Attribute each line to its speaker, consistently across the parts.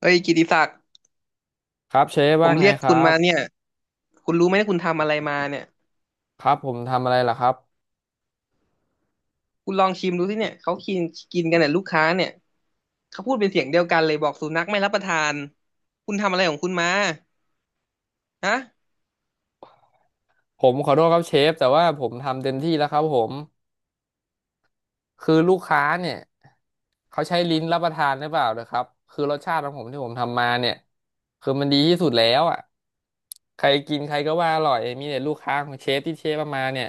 Speaker 1: เอ้ยกิติศักดิ์
Speaker 2: ครับเชฟ
Speaker 1: ผ
Speaker 2: ว่า
Speaker 1: ม
Speaker 2: ไง
Speaker 1: เรียก
Speaker 2: ค
Speaker 1: คุ
Speaker 2: รั
Speaker 1: ณมาเนี่
Speaker 2: บ
Speaker 1: ยคุณรู้ไหมว่าคุณทำอะไรมาเนี่ย
Speaker 2: ครับผมทำอะไรล่ะครับ
Speaker 1: คุณลองชิมดูสิเนี่ยเขากินกินกันเนี่ยลูกค้าเนี่ยเขาพูดเป็นเสียงเดียวกันเลยบอกสุนัขไม่รับประทานคุณทำอะไรของคุณมาฮะ
Speaker 2: ผมขอโทษครับเชฟแต่ว่าผมทำเต็มที่แล้วครับผมคือลูกค้าเนี่ยเขาใช้ลิ้นรับประทานหรือเปล่านะครับคือรสชาติของผมที่ผมทำมาเนี่ยคือมันดีที่สุดแล้วอ่ะใครกินใครก็ว่าอร่อยมีแต่ลูกค้าของเชฟที่เชฟเอามาเนี่ย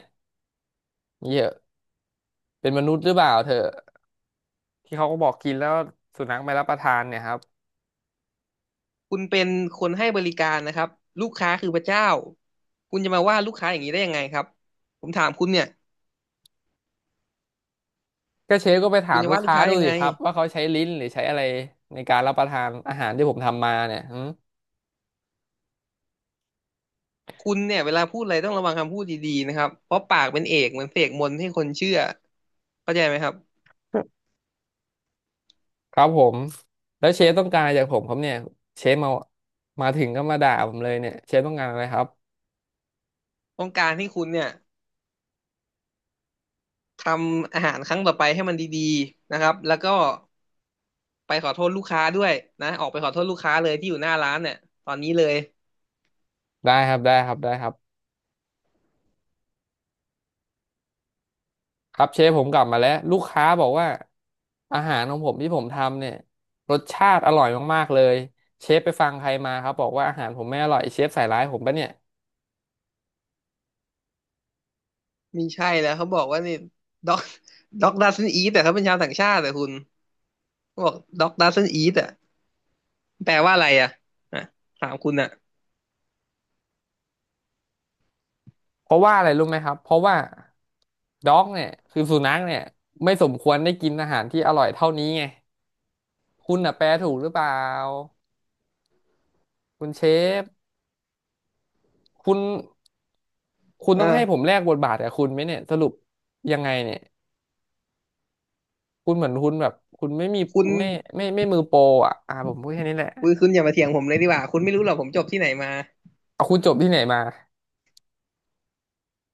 Speaker 2: เยอะเป็นมนุษย์หรือเปล่าเถอะที่เขาก็บอกกินแล้วสุนัขไม่รับประทานเนี่ยครับ
Speaker 1: คุณเป็นคนให้บริการนะครับลูกค้าคือพระเจ้าคุณจะมาว่าลูกค้าอย่างนี้ได้ยังไงครับผมถามคุณเนี่ย
Speaker 2: ก็เชฟก็ไปถา
Speaker 1: คุณ
Speaker 2: ม
Speaker 1: จะ
Speaker 2: ลูก
Speaker 1: ว่าลูก
Speaker 2: ค้า
Speaker 1: ค้า
Speaker 2: ดู
Speaker 1: ยัง
Speaker 2: สิ
Speaker 1: ไง
Speaker 2: ครับว่าเขาใช้ลิ้นหรือใช้อะไรในการรับประทานอาหารที่ผมทำมาเนี่ยหืม
Speaker 1: คุณเนี่ยเวลาพูดอะไรต้องระวังคำพูดดีๆนะครับเพราะปากเป็นเอกเหมือนเสกมนต์ให้คนเชื่อเข้าใจไหมครับ
Speaker 2: ครับผมแล้วเชฟต้องการอะไรจากผมครับเนี่ยเชฟมาถึงก็มาด่าผมเลยเนี่ยเชฟต้องการอะไรครับ
Speaker 1: ต้องการให้คุณเนี่ย ทำอาหารครั้งต่อไปให้มันดีๆนะครับ แล้วก็ไปขอโทษลูกค้าด้วยนะ ออกไปขอโทษลูกค้าเลยที่อยู่หน้าร้านเนี่ยตอนนี้เลย
Speaker 2: ได้ครับได้ครับได้ครับครับเชฟผมกลับมาแล้วลูกค้าบอกว่าอาหารของผมที่ผมทำเนี่ยรสชาติอร่อยมากๆเลยเชฟไปฟังใครมาครับบอกว่าอาหารผมไม่อร่อยเชฟใส่ร้ายผมปะเนี่ย
Speaker 1: มีใช่แล้วเขาบอกว่านี่ด็อกด็ อกดัซนอีแต่เขาเป็นชาวต่างชาติแต่คุณเขาบอกด็อกดัซนอีแต่แปลว่าอะไรอ่ะอ่ะถามคุณอ่ะ
Speaker 2: เพราะว่าอะไรรู้ไหมครับเพราะว่าด็อกเนี่ยคือสุนัขเนี่ยไม่สมควรได้กินอาหารที่อร่อยเท่านี้ไงคุณน่ะแปลถูกหรือเปล่าคุณเชฟ คุณคุณ
Speaker 1: เอ
Speaker 2: ต้องให้ผม
Speaker 1: อ
Speaker 2: แลกบทบาทกับคุณไหมเนี่ยสรุปยังไงเนี่ยคุณเหมือนคุณแบบคุณไม่มี
Speaker 1: คุณ
Speaker 2: ไม่ไม่มือโปรอ่ะผมพูดแค่นี้แหละ
Speaker 1: คุณอย่ามาเถียงผมเลยดีกว่า คุณไม่รู้หรอกผมจบที่ไหนมา
Speaker 2: เอาคุณจบที่ไหนมา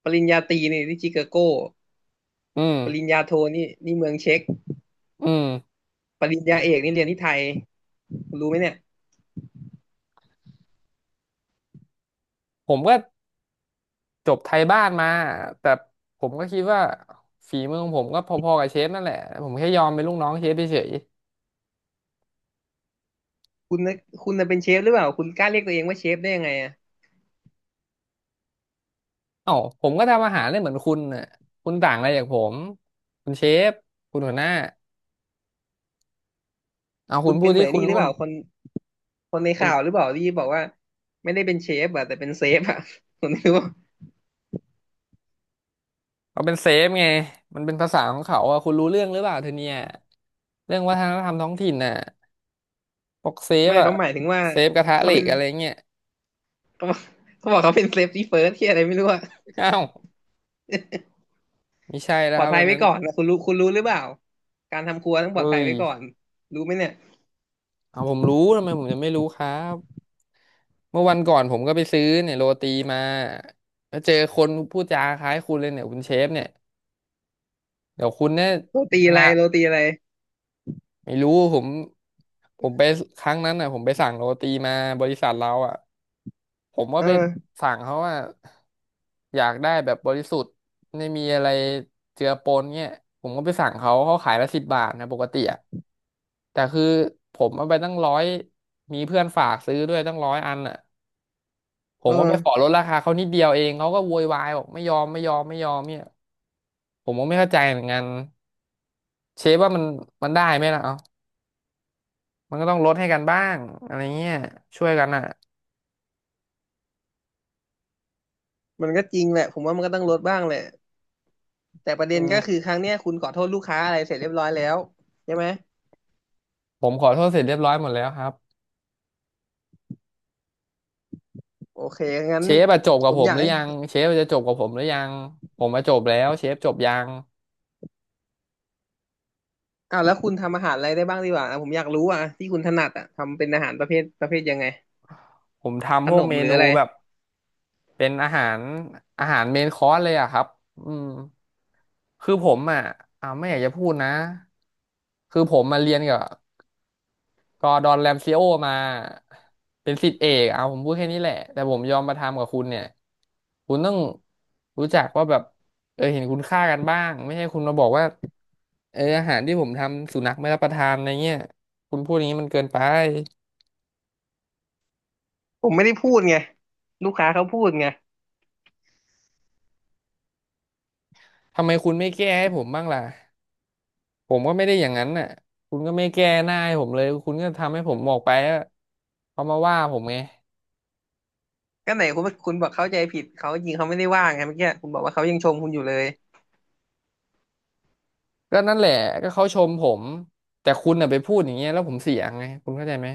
Speaker 1: ปริญญาตรีนี่ที่ชิคาโก
Speaker 2: อืม
Speaker 1: ปริญญาโทนี่เมืองเช็ก
Speaker 2: อืม
Speaker 1: ปริญญาเอกนี่เรียนที่ไทยคุณรู้ไหมเนี่ย
Speaker 2: ผมก็จบไทยบ้านมาแต่ผมก็คิดว่าฝีมือของผมก็พอๆกับเชฟนั่นแหละผมแค่ยอมเป็นลูกน้องเชฟเฉย
Speaker 1: คุณน่ะคุณน่ะเป็นเชฟหรือเปล่าคุณกล้าเรียกตัวเองว่าเชฟได้ยังไงอ่ะ
Speaker 2: ๆเอ้าผมก็ทำอาหารได้เหมือนคุณน่ะคุณต่างอะไรจากผมคุณเชฟคุณหัวหน้าเอาคุ
Speaker 1: คุ
Speaker 2: ณ
Speaker 1: ณ
Speaker 2: พู
Speaker 1: เป็
Speaker 2: ด
Speaker 1: นเหมื
Speaker 2: ที่
Speaker 1: อน
Speaker 2: คุณ
Speaker 1: นี่หรือเปล่าคนใน
Speaker 2: คุณ
Speaker 1: ข่าวหรือเปล่าที่บอกว่าไม่ได้เป็นเชฟอะแต่เป็นเซฟอะ ผมไม่รู้ว่า
Speaker 2: เขาเป็นเซฟไงมันเป็นภาษาของเขาอ่ะคุณรู้เรื่องหรือเปล่าเธอเนี่ยเรื่องวัฒนธรรมท้องถิ่นน่ะพวกเซฟ
Speaker 1: ไม่
Speaker 2: อ่ะ
Speaker 1: เขาหมายถึงว่า
Speaker 2: เซฟกระทะ
Speaker 1: เขา
Speaker 2: เหล็
Speaker 1: เป็
Speaker 2: ก
Speaker 1: น
Speaker 2: อะไรเงี้ย
Speaker 1: เขาบอกเขาบอกเขาเป็นเซฟตี้เฟิร์สที่อะไรไม่รู้อ่ะ
Speaker 2: อ้าวไม่ใช่แล้
Speaker 1: ป
Speaker 2: ว
Speaker 1: ลอ
Speaker 2: ค
Speaker 1: ด
Speaker 2: รับ
Speaker 1: ภัย
Speaker 2: วัน
Speaker 1: ไว้
Speaker 2: นั้น
Speaker 1: ก่อนนะคุณรู้หรือเปล่าการทำครัวต้องป
Speaker 2: เอ้
Speaker 1: ลอดภัย
Speaker 2: ย
Speaker 1: ไว้ก่อนรู้ไหมเนี่ย
Speaker 2: เอาผมรู้ทำไมผมจะไม่รู้ครับ เมื่อวันก่อนผมก็ไปซื้อเนี่ยโรตีมาแล้วเจอคนพูดจาคล้ายคุณเลยเนี่ยคุณเชฟเนี่ยเดี๋ยวคุณเนี่ยคณะ
Speaker 1: โรตีอะไร
Speaker 2: ไม่รู้ผมผมไปครั้งนั้นอ่ะผมไปสั่งโรตีมาบริษัทเราอ่ะผมก็
Speaker 1: เอ
Speaker 2: ไป
Speaker 1: อ
Speaker 2: สั่งเขาว่าอยากได้แบบบริสุทธิ์ไม่มีอะไรเจือปนเงี้ยผมก็ไปสั่งเขาเขาขายละ10 บาทนะปกติอ่ะแต่คือผมเอาไปตั้งร้อยมีเพื่อนฝากซื้อด้วยตั้งร้อยอันอ่ะผ
Speaker 1: เอ
Speaker 2: ม
Speaker 1: อ
Speaker 2: ก็ไปขอลดราคาเขานิดเดียวเองเขาก็โวยวายบอกไม่ยอมไม่ยอมไม่ยอมเนี่ยผมก็ไม่เข้าใจเหมือนกันเชฟว่ามันได้ไหมล่ะเอ้า มันก็ต้องลดให้กันบ้างอะไรเงี้ยช่วยกันอ่ะ
Speaker 1: มันก็จริงแหละผมว่ามันก็ต้องลดบ้างแหละแต่ประ
Speaker 2: อื
Speaker 1: เด็น
Speaker 2: ม
Speaker 1: ก็คือครั้งเนี้ยคุณขอโทษลูกค้าอะไรเสร็จเรียบร้อยแล้วใช่ไหม
Speaker 2: ผมขอโทษเสร็จเรียบร้อยหมดแล้วครับ
Speaker 1: โอเคงั้น
Speaker 2: เชฟอะจบกั
Speaker 1: ผ
Speaker 2: บ
Speaker 1: ม
Speaker 2: ผ
Speaker 1: อ
Speaker 2: ม
Speaker 1: ยา
Speaker 2: ห
Speaker 1: ก
Speaker 2: รือ
Speaker 1: ให้
Speaker 2: ยังเชฟจะจบกับผมหรือยังผมมาจบแล้วเชฟจบยัง
Speaker 1: อ่าแล้วคุณทำอาหารอะไรได้บ้างดีกว่าอ่ะผมอยากรู้อ่ะที่คุณถนัดอ่ะทำเป็นอาหารประเภทยังไง
Speaker 2: ผม
Speaker 1: ข
Speaker 2: ทำพว
Speaker 1: น
Speaker 2: ก
Speaker 1: ม
Speaker 2: เม
Speaker 1: หรือ
Speaker 2: นู
Speaker 1: อะไร
Speaker 2: แบบเป็นอาหารเมนคอร์สเลยอะครับอืมคือผมอ่ะไม่อยากจะพูดนะคือผมมาเรียนกับ ก็ดอนแรมซิโอมาเป็นศิษย์เอกเอาผมพูดแค่นี้แหละแต่ผมยอมมาทำกับคุณเนี่ยคุณต้องรู้จักว่าแบบเออเห็นคุณค่ากันบ้างไม่ใช่คุณมาบอกว่าเอออาหารที่ผมทำสุนัขไม่รับประทานอะไรเงี้ยคุณพูดอย่างนี้มันเกินไป
Speaker 1: ผมไม่ได้พูดไงลูกค้าเขาพูดไง
Speaker 2: ทำไมคุณไม่แก้ให้ผมบ้างล่ะผมก็ไม่ได้อย่างนั้นน่ะคุณก็ไม่แก้หน้าให้ผมเลยคุณก็ทำให้ผมออกไปอะเขามาว่าผมไง
Speaker 1: ก็ไหนคุณบอกเข้าใจผิดเขาจริงเขาไม่ได้ว่างไงเมื่อกี้คุณบอกว่าเขายังชมคุณอยู่เลย
Speaker 2: ก็นั่นแหละก็เขาชมผมแต่คุณน่ะไปพูดอย่างเงี้ยแล้วผมเสียไงคุณเข้าใจไหม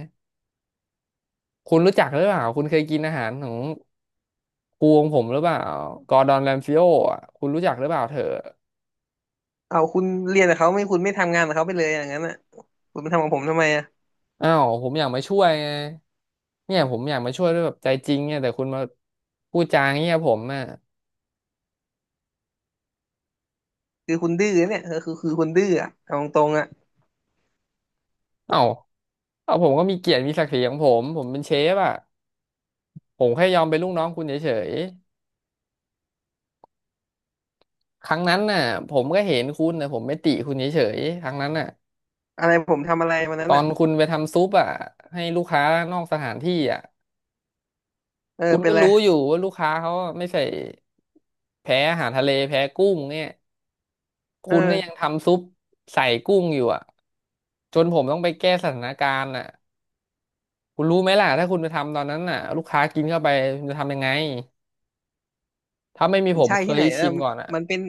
Speaker 2: คุณรู้จักหรือเปล่าคุณเคยกินอาหารของกูของผมหรือเปล่ากอร์ดอนแรมซิโออ่ะคุณรู้จักหรือเปล่าเธอ
Speaker 1: เอาคุณเรียนกับเขาไม่คุณไม่ทำงานกับเขาไปเลยอย่างนั้นอ่ะคุณมาทำกับผมทำไมอ่ะ
Speaker 2: อ้าวผมอยากมาช่วยไงเนี่ยผมอยากมาช่วยด้วยแบบใจจริงเนี่ยแต่คุณมาพูดจาอย่างเงี้ยผมอ่ะ
Speaker 1: คือคุณดื้อเนี่ยเออคือคุณดื้ออ่ะเอาตรงๆอ่ะ
Speaker 2: เอ้าเอาผมก็มีเกียรติมีศักดิ์ศรีของผมผมเป็นเชฟอ่ะผมแค่ยอมเป็นลูกน้องคุณเฉยๆครั้งนั้นน่ะผมก็เห็นคุณแต่ผมไม่ติคุณเฉยๆครั้งนั้นน่ะ
Speaker 1: อะไรผมทำอะไรวัน
Speaker 2: ต
Speaker 1: นั้น
Speaker 2: อน
Speaker 1: อ่ะ
Speaker 2: คุณไปทำซุปอ่ะให้ลูกค้านอกสถานที่อ่ะ
Speaker 1: เออ
Speaker 2: คุณ
Speaker 1: เป็
Speaker 2: ก็
Speaker 1: นไร
Speaker 2: รู้อยู่ว่าลูกค้าเขาไม่ใส่แพ้อาหารทะเลแพ้กุ้งเนี่ย
Speaker 1: เอ
Speaker 2: คุณก็ยัง
Speaker 1: อ
Speaker 2: ทำซุปใส่กุ้งอยู่อ่ะจนผมต้องไปแก้สถานการณ์อ่ะคุณรู้ไหมล่ะถ้าคุณไปทำตอนนั้นน่ะลูกค้ากินเข้าไปคุณจะทำยังไงถ้าไม่มี
Speaker 1: มัน
Speaker 2: ผม
Speaker 1: ใช่
Speaker 2: เค
Speaker 1: ที่ไห
Speaker 2: ย
Speaker 1: นแล้
Speaker 2: ชิ
Speaker 1: ว
Speaker 2: มก่อนอ่ะ
Speaker 1: มันเป็น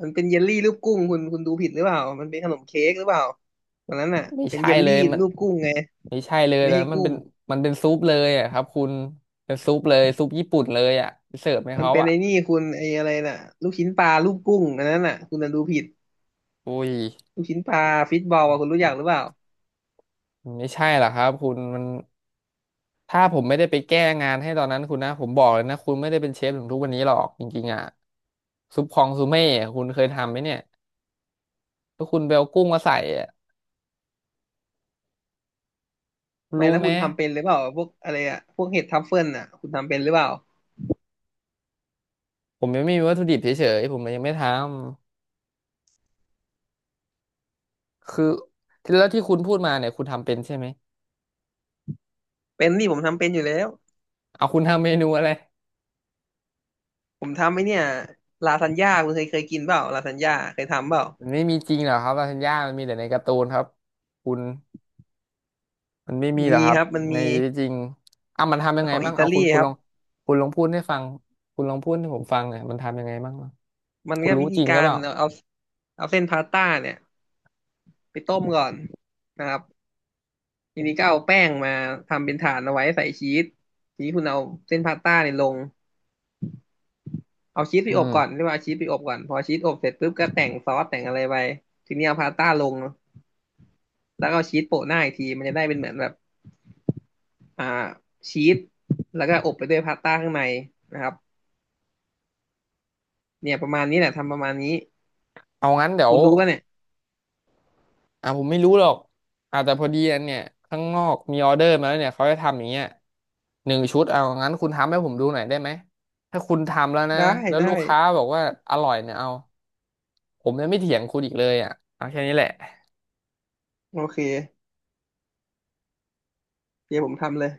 Speaker 1: มันเป็นเยลลี่รูปกุ้งคุณดูผิดหรือเปล่ามันเป็นขนมเค้กหรือเปล่าตอนนั้นน่ะ
Speaker 2: ไม่
Speaker 1: เป็น
Speaker 2: ใช่
Speaker 1: เยล
Speaker 2: เล
Speaker 1: ลี่
Speaker 2: ยมัน
Speaker 1: รูปกุ้งไง
Speaker 2: ไม่ใช่เลย
Speaker 1: ไม่
Speaker 2: แต่
Speaker 1: ใช่
Speaker 2: มัน
Speaker 1: กุ้
Speaker 2: เป็
Speaker 1: ง
Speaker 2: นมันเป็นซุปเลยอ่ะครับคุณเป็นซุปเลยซุปญี่ปุ่นเลยอ่ะไปเสิร์ฟให้
Speaker 1: มัน
Speaker 2: เขา
Speaker 1: เป็น
Speaker 2: อ่ะ
Speaker 1: ไอ้นี่คุณไอ้อะไรน่ะลูกชิ้นปลารูปกุ้งอันนั้นน่ะคุณน่ะดูผิด
Speaker 2: อุ้ย
Speaker 1: ลูกชิ้นปลาฟิตบอลอ่ะคุณรู้จักหรือเปล่า
Speaker 2: มันไม่ใช่หรอกครับคุณมัน ถ้าผมไม่ได้ไปแก้งานให้ตอนนั้นคุณนะผมบอกเลยนะคุณไม่ได้เป็นเชฟถึงทุกวันนี้หรอกจริงๆอ่ะซุปคองซูเม่คุณเคยทำไหมเนี่ยถ้าคุณไปเอากุ้งมาใส่อะคุณ
Speaker 1: ไม่
Speaker 2: รู้
Speaker 1: แล้ว
Speaker 2: ไหม
Speaker 1: คุณทำเป็นหรือเปล่าพวกอะไรอ่ะพวกเห็ดทัฟเฟิลน่ะคุณทำเป็นหรือเปล่า
Speaker 2: ผมยังไม่มีวัตถุดิบเฉยๆผมเลยยังไม่ทำคือที่แล้วที่คุณพูดมาเนี่ยคุณทำเป็นใช่ไหม
Speaker 1: เป็นนี่ผมทำเป็นอยู่แล้ว
Speaker 2: เอาคุณทำเมนูอะไร
Speaker 1: ผมทำไอ้เนี่ยลาซานญ่าคุณเคยกินเปล่าลาซานญ่าเคยทำเปล่า
Speaker 2: มันไม่มีจริงหรอกครับลาซานญ่ามันมีแต่ในการ์ตูนครับคุณมันไม่มีหรอก
Speaker 1: มี
Speaker 2: ครั
Speaker 1: ค
Speaker 2: บ
Speaker 1: รับมัน
Speaker 2: ใน
Speaker 1: มี
Speaker 2: ชีวิตจริงอ่ะมันทำยั
Speaker 1: มัน
Speaker 2: งไง
Speaker 1: ของ
Speaker 2: บ้า
Speaker 1: อิ
Speaker 2: ง
Speaker 1: ตา
Speaker 2: เอา
Speaker 1: ลี
Speaker 2: คุณ
Speaker 1: ค
Speaker 2: ล
Speaker 1: รับ
Speaker 2: องคุณลองพูดให้ฟังคุณลองพูดให้ผมฟังหน่อยมันทำยังไงบ้างเนอะ
Speaker 1: มัน
Speaker 2: คุณ
Speaker 1: ก็
Speaker 2: รู้
Speaker 1: วิ
Speaker 2: จ
Speaker 1: ธี
Speaker 2: ริงห
Speaker 1: กา
Speaker 2: รือเป
Speaker 1: ร
Speaker 2: ล่า
Speaker 1: เอาเอาเส้นพาสต้าเนี่ย ไปต้มก่อนนะครับทีนี้ก็เอาแป้งมาทำเป็นฐานเอาไว้ใส่ชีสทีนี้คุณเอาเส้นพาสต้าเนี่ยลงเอาชีสไป
Speaker 2: อื
Speaker 1: อบ
Speaker 2: ม
Speaker 1: ก่อนเรียกว่าเอาชีสไปอบก่อนพอชีสอบเสร็จปุ๊บก็แต่งซอสแต่งอะไรไปทีนี้เอาพาสต้าลงแล้วก็เอาชีสโปะหน้าอีกทีมันจะได้เป็นเหมือนแบบอ่าชีสแล้วก็อบไปด้วยพาสต้าข้างในนะครับเนี่ยประมาณนี้แหละทำประมาณนี้
Speaker 2: เอางั้นเดี๋ย
Speaker 1: คุ
Speaker 2: ว
Speaker 1: ณรู้ป่ะเนี่ย
Speaker 2: อ่ะผมไม่รู้หรอกอ่ะแต่พอดีอันเนี่ยข้างนอกมีออเดอร์มาแล้วเนี่ยเขาจะทำอย่างเงี้ย1 ชุดเอางั้นคุณทำให้ผมดูหน่อยได้ไหมถ้าคุณทำแล้วนะ
Speaker 1: ได้
Speaker 2: แล้ว
Speaker 1: ได้
Speaker 2: ลูกค้าบอกว่าอร่อยเนี่ยเอาผมจะไม่เถียงคุณอีกเลยอ่ะเอาแค่นี้แหละ
Speaker 1: โอเคเดี๋ยวผมทำเลย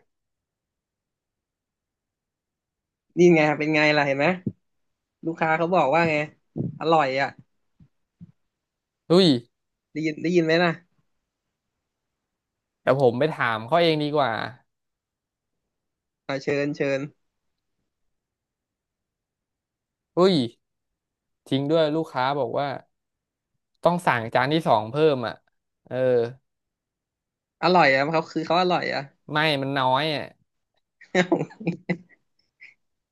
Speaker 1: นี่ไงเป็นไงล่ะเห็นไหมลูกค้าเขาบอกว่าไงอร่อยอ่ะ
Speaker 2: อุ้ย
Speaker 1: ได้ยินไหมนะ
Speaker 2: แต่ผมไปถามเขาเองดีกว่า
Speaker 1: อ่าเชิญเชิญ
Speaker 2: อุ้ยจริงด้วยลูกค้าบอกว่าต้องสั่งจานที่ 2เพิ่มอ่ะเออ
Speaker 1: อร่อยอ่ะเขาคือเขาอร่อยอ่ะ
Speaker 2: ไม่มันน้อยอ่ะ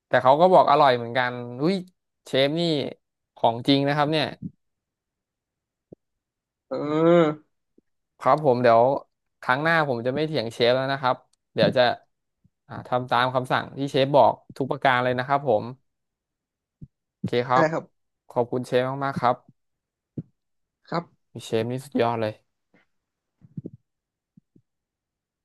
Speaker 2: แต่เขาก็บอกอร่อยเหมือนกันอุ้ยเชฟนี่ของจริงนะครับเนี่ย
Speaker 1: เออ
Speaker 2: ครับผมเดี๋ยวครั้งหน้าผมจะไม่เถียงเชฟแล้วนะครับเดี๋ยวจะทำตามคำสั่งที่เชฟบอกทุกประการเลยนะครับผมโอเคครั
Speaker 1: ได้
Speaker 2: บ
Speaker 1: ครับ
Speaker 2: ขอบคุณเชฟมากๆครับ
Speaker 1: ครับ
Speaker 2: เชฟนี่สุดยอดเลย